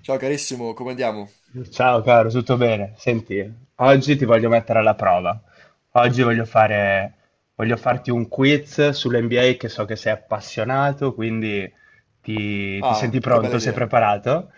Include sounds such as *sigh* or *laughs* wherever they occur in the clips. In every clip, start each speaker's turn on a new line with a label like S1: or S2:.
S1: Ciao carissimo, come andiamo?
S2: Ciao caro, tutto bene? Senti, oggi ti voglio mettere alla prova. Oggi voglio farti un quiz sull'NBA che so che sei appassionato, quindi ti
S1: Ah,
S2: senti
S1: che bella
S2: pronto? Sei
S1: idea.
S2: preparato?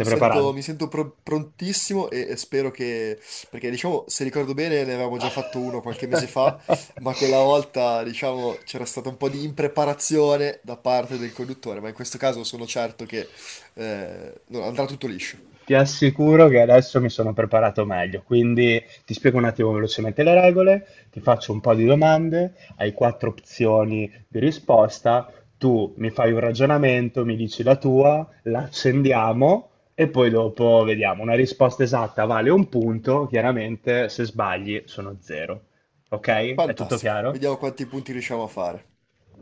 S1: Mi sento,
S2: preparato?
S1: mi sento pro- prontissimo e spero che. Perché diciamo, se ricordo bene, ne avevamo già fatto uno qualche mese fa,
S2: *laughs*
S1: ma quella volta, diciamo, c'era stata un po' di impreparazione da parte del conduttore, ma in questo caso sono certo che no, andrà tutto liscio.
S2: Ti assicuro che adesso mi sono preparato meglio, quindi ti spiego un attimo velocemente le regole, ti faccio un po' di domande, hai quattro opzioni di risposta, tu mi fai un ragionamento, mi dici la tua, la accendiamo e poi dopo vediamo. Una risposta esatta vale un punto, chiaramente se sbagli sono zero. Ok? È tutto
S1: Fantastico,
S2: chiaro?
S1: vediamo quanti punti riusciamo a fare.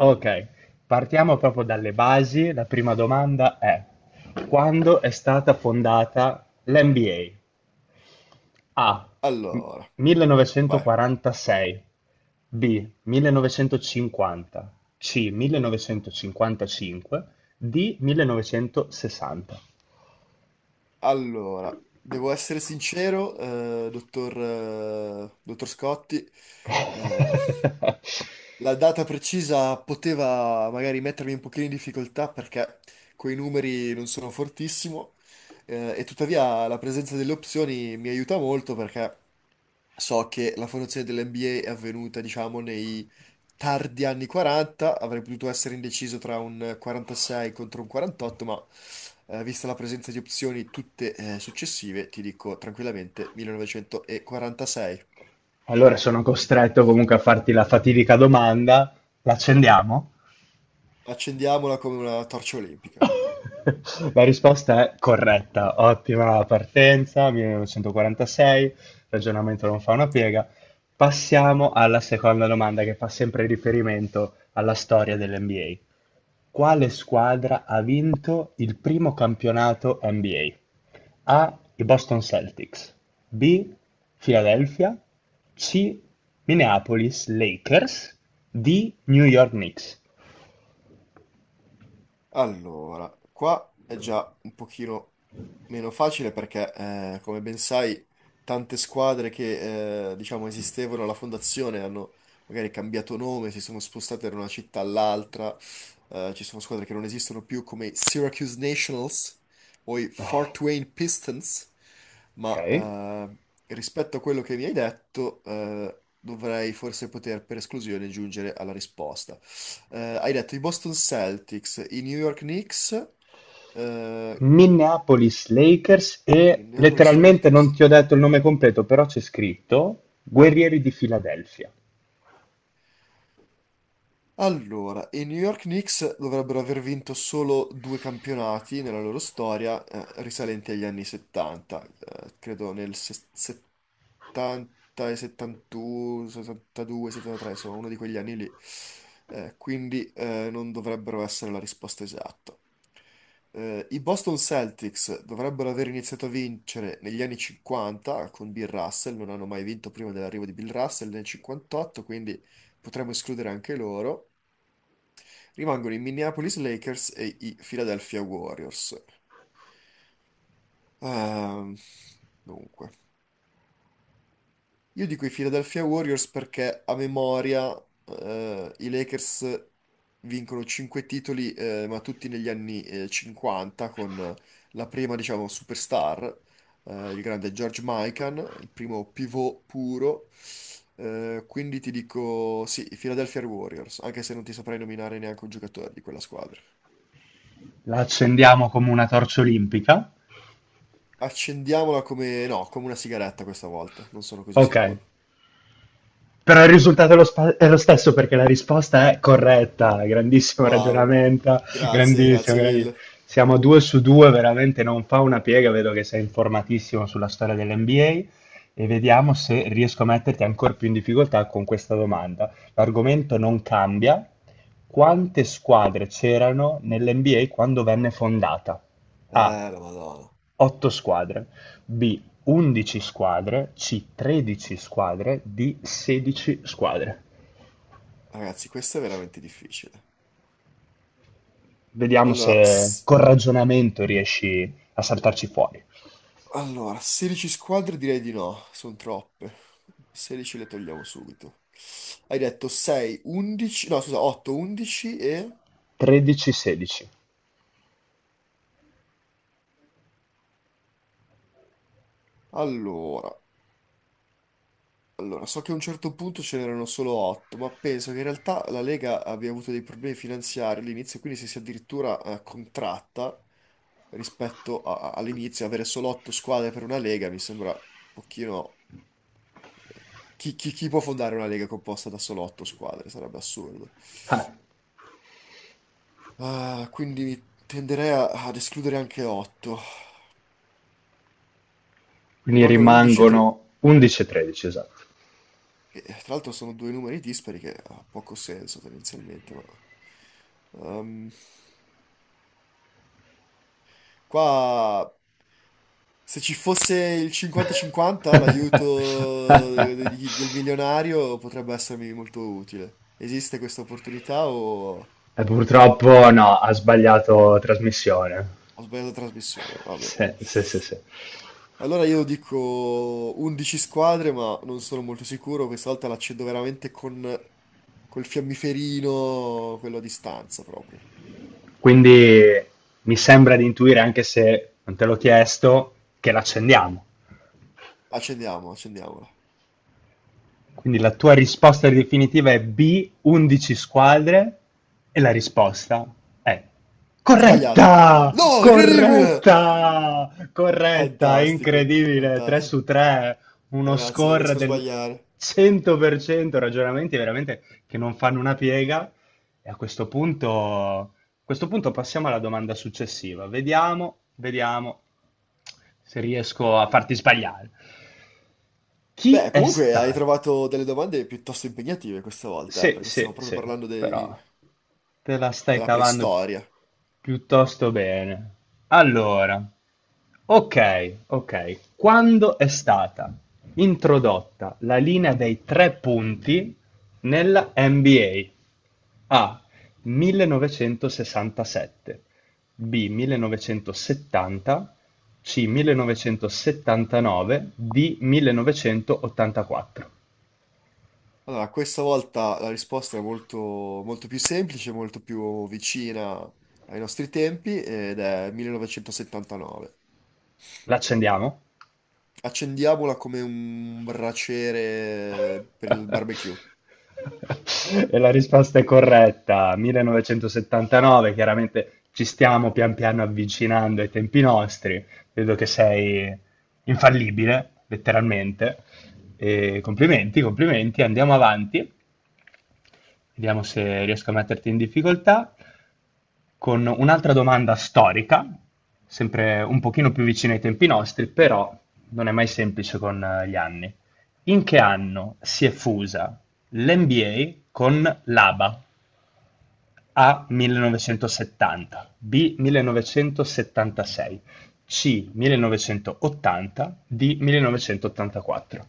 S2: Ok, partiamo proprio dalle basi. La prima domanda è: quando è stata fondata l'NBA? A.
S1: Allora, vai.
S2: 1946. B. 1950. C. 1955. D. 1960.
S1: Allora, devo essere sincero, dottor Scotti. eh,
S2: *laughs*
S1: La data precisa poteva magari mettermi un pochino in difficoltà perché quei numeri non sono fortissimo e tuttavia la presenza delle opzioni mi aiuta molto perché so che la fondazione dell'NBA è avvenuta, diciamo, nei tardi anni 40, avrei potuto essere indeciso tra un 46 contro un 48, ma vista la presenza di opzioni tutte successive, ti dico tranquillamente 1946.
S2: Allora sono costretto comunque a farti la fatidica domanda. L'accendiamo?
S1: Accendiamola come una torcia olimpica.
S2: *laughs* La risposta è corretta, ottima partenza, 1946, ragionamento non fa una piega. Passiamo alla seconda domanda che fa sempre riferimento alla storia dell'NBA. Quale squadra ha vinto il primo campionato NBA? A. I Boston Celtics, B. Philadelphia, C. Minneapolis Lakers, D. New York Knicks.
S1: Allora, qua è già un pochino. Meno facile perché, come ben sai, tante squadre che, diciamo, esistevano alla fondazione hanno magari cambiato nome, si sono spostate da una città all'altra, ci sono squadre che non esistono più come i Syracuse Nationals o i Fort Wayne Pistons, ma
S2: Ok?
S1: rispetto a quello che mi hai detto, dovrei forse poter per esclusione giungere alla risposta. Hai detto i Boston Celtics, i New York Knicks, eh,
S2: Minneapolis Lakers, e
S1: Minneapolis
S2: letteralmente non
S1: Lakers.
S2: ti ho detto il nome completo, però c'è scritto Guerrieri di Filadelfia.
S1: Allora, i New York Knicks dovrebbero aver vinto solo due campionati nella loro storia, risalenti agli anni 70, credo nel 70 e 71, 72, 73, insomma, uno di quegli anni lì. Quindi non dovrebbero essere la risposta esatta. I Boston Celtics dovrebbero aver iniziato a vincere negli anni 50 con Bill Russell, non hanno mai vinto prima dell'arrivo di Bill Russell nel 58, quindi potremmo escludere anche loro. Rimangono i Minneapolis Lakers e i Philadelphia Warriors. Ehm, dunque. Io dico i Philadelphia Warriors perché a memoria i Lakers vincono 5 titoli, ma tutti negli anni 50, con la prima, diciamo, superstar, il grande George Mikan, il primo pivot puro. Quindi ti dico sì, i Philadelphia Warriors, anche se non ti saprei nominare neanche un giocatore di quella squadra.
S2: La accendiamo come una torcia olimpica.
S1: Accendiamola come, no, come una sigaretta questa volta, non sono così
S2: Ok,
S1: sicuro.
S2: però il risultato è è lo stesso perché la risposta è corretta. Grandissimo
S1: Wow,
S2: ragionamento,
S1: grazie,
S2: grandissimo,
S1: grazie
S2: grandissimo.
S1: mille.
S2: Siamo 2 su 2, veramente non fa una piega. Vedo che sei informatissimo sulla storia dell'NBA, e vediamo se riesco a metterti ancora più in difficoltà con questa domanda. L'argomento non cambia. Quante squadre c'erano nell'NBA quando venne fondata? A.
S1: Eh, la Madonna.
S2: Otto squadre; B. undici squadre; C. tredici squadre; D. sedici squadre.
S1: Ragazzi, questo è veramente difficile.
S2: Vediamo
S1: Allora,
S2: se col ragionamento riesci a saltarci fuori.
S1: allora, 16 squadre direi di no, sono troppe. 16 le togliamo subito. Hai detto 6, 11, no scusa, 8, 11 e.
S2: 13-16.
S1: Allora, allora, so che a un certo punto ce n'erano solo 8, ma penso che in realtà la Lega abbia avuto dei problemi finanziari all'inizio, quindi si sia addirittura contratta rispetto all'inizio, avere solo 8 squadre per una Lega mi sembra un pochino. Chi può fondare una lega composta da solo otto squadre? Sarebbe assurdo.
S2: Ah,
S1: Ah, quindi tenderei ad escludere anche otto.
S2: quindi
S1: Rimangono 11 e 3,
S2: rimangono 11-13, esatto.
S1: che tra l'altro sono due numeri dispari che ha poco senso tendenzialmente, ma. Ehm, qua, se ci fosse il 50-50, l'aiuto del
S2: *laughs*
S1: milionario potrebbe essermi molto utile. Esiste questa opportunità o
S2: E purtroppo no, ha sbagliato trasmissione.
S1: ho sbagliato trasmissione? Va bene.
S2: Sì, sì, sì, sì.
S1: Allora io dico 11 squadre, ma non sono molto sicuro. Questa volta l'accendo veramente con col fiammiferino, quello a distanza proprio.
S2: Quindi mi sembra di intuire, anche se non te l'ho chiesto, che l'accendiamo.
S1: Accendiamo, accendiamola.
S2: Quindi la tua risposta definitiva è B, 11 squadre, e la risposta è
S1: Sbagliata.
S2: corretta!
S1: No, incredibile!
S2: Corretta! Corretta!
S1: Fantastico,
S2: Incredibile! 3
S1: fantastico.
S2: su 3, uno
S1: Ragazzi, non riesco
S2: score
S1: a
S2: del
S1: sbagliare.
S2: 100%, ragionamenti veramente che non fanno una piega. E a questo punto passiamo alla domanda successiva. Vediamo, vediamo se riesco a farti sbagliare. Chi
S1: Beh,
S2: è
S1: comunque hai
S2: stato
S1: trovato delle domande piuttosto impegnative questa volta,
S2: sì,
S1: perché stiamo
S2: sì,
S1: proprio
S2: sì,
S1: parlando
S2: però te la stai
S1: della
S2: cavando
S1: preistoria.
S2: piuttosto bene. Allora, ok, ok. Quando è stata introdotta la linea dei tre punti nella NBA? A. 1967, B. 1970, C. 1979, D. 1984.
S1: Allora, questa volta la risposta è molto, molto più semplice, molto più vicina ai nostri tempi ed è 1979.
S2: L'accendiamo?
S1: Accendiamola come un braciere per il barbecue.
S2: *laughs* E la risposta è corretta, 1979, chiaramente ci stiamo pian piano avvicinando ai tempi nostri, vedo che sei infallibile, letteralmente. E complimenti, complimenti, andiamo avanti. Vediamo se riesco a metterti in difficoltà con un'altra domanda storica, sempre un pochino più vicina ai tempi nostri, però non è mai semplice con gli anni. In che anno si è fusa l'NBA con l'ABA? A. 1970, B. 1976, C. 1980, D. 1984.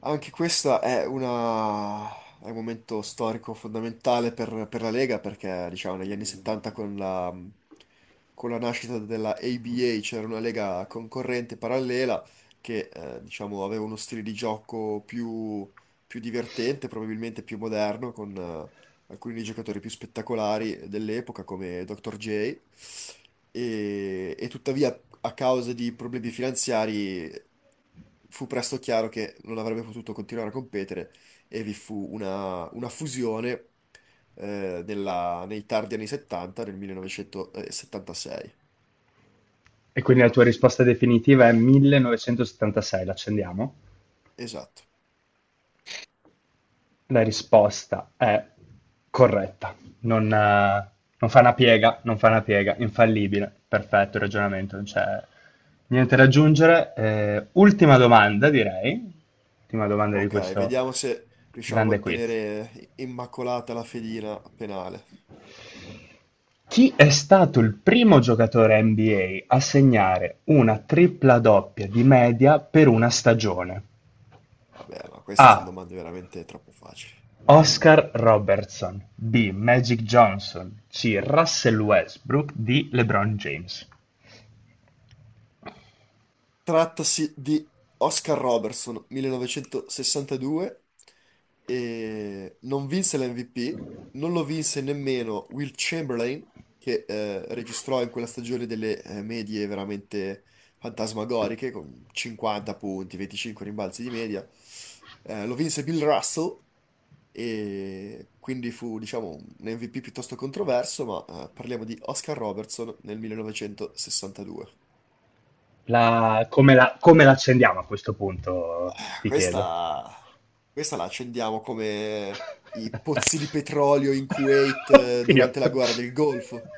S1: Anche questa è un momento storico fondamentale per la Lega perché, diciamo, negli anni 70 con la nascita della ABA c'era una Lega concorrente parallela che, diciamo, aveva uno stile di gioco più divertente, probabilmente più moderno, con alcuni dei giocatori più spettacolari dell'epoca come Dr. J. E tuttavia, a causa di problemi finanziari fu presto chiaro che non avrebbe potuto continuare a competere e vi fu una fusione nei tardi anni 70, nel 1976.
S2: E quindi la tua risposta definitiva è 1976, l'accendiamo?
S1: Esatto.
S2: La risposta è corretta, non, eh, non fa una piega, non fa una piega, infallibile, perfetto il ragionamento, non c'è niente da aggiungere. Ultima domanda, direi, ultima domanda di
S1: Ok,
S2: questo
S1: vediamo se riusciamo a
S2: grande quiz.
S1: mantenere immacolata la fedina penale.
S2: Chi è stato il primo giocatore NBA a segnare una tripla doppia di media per una stagione?
S1: Vabbè, ma queste sono
S2: A.
S1: domande veramente troppo facili.
S2: Oscar Robertson, B. Magic Johnson, C. Russell Westbrook, D. LeBron James.
S1: Trattasi di Oscar Robertson, 1962, e non vinse l'MVP, non lo vinse nemmeno Will Chamberlain, che registrò in quella stagione delle medie veramente fantasmagoriche, con 50 punti, 25 rimbalzi di media. Lo vinse Bill Russell, e quindi fu, diciamo, un MVP piuttosto controverso, ma parliamo di Oscar Robertson nel 1962.
S2: La- come la come l'accendiamo a questo punto,
S1: Ah,
S2: ti chiedo.
S1: questa la accendiamo come
S2: *laughs*
S1: i pozzi di petrolio in Kuwait
S2: Oddio.
S1: durante la guerra del Golfo.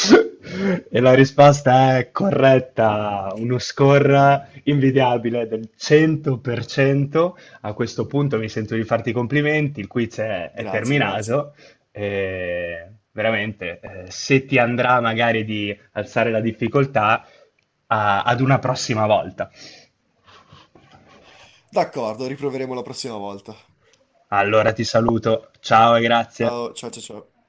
S2: *laughs* E la risposta è corretta, uno score invidiabile del 100%. A questo punto mi sento di farti i complimenti, il quiz è
S1: Grazie, grazie.
S2: terminato. E veramente, se ti andrà magari di alzare la difficoltà, ad una prossima volta.
S1: D'accordo, riproveremo la prossima volta.
S2: Allora ti saluto, ciao e grazie.
S1: Ciao, ciao, ciao, ciao.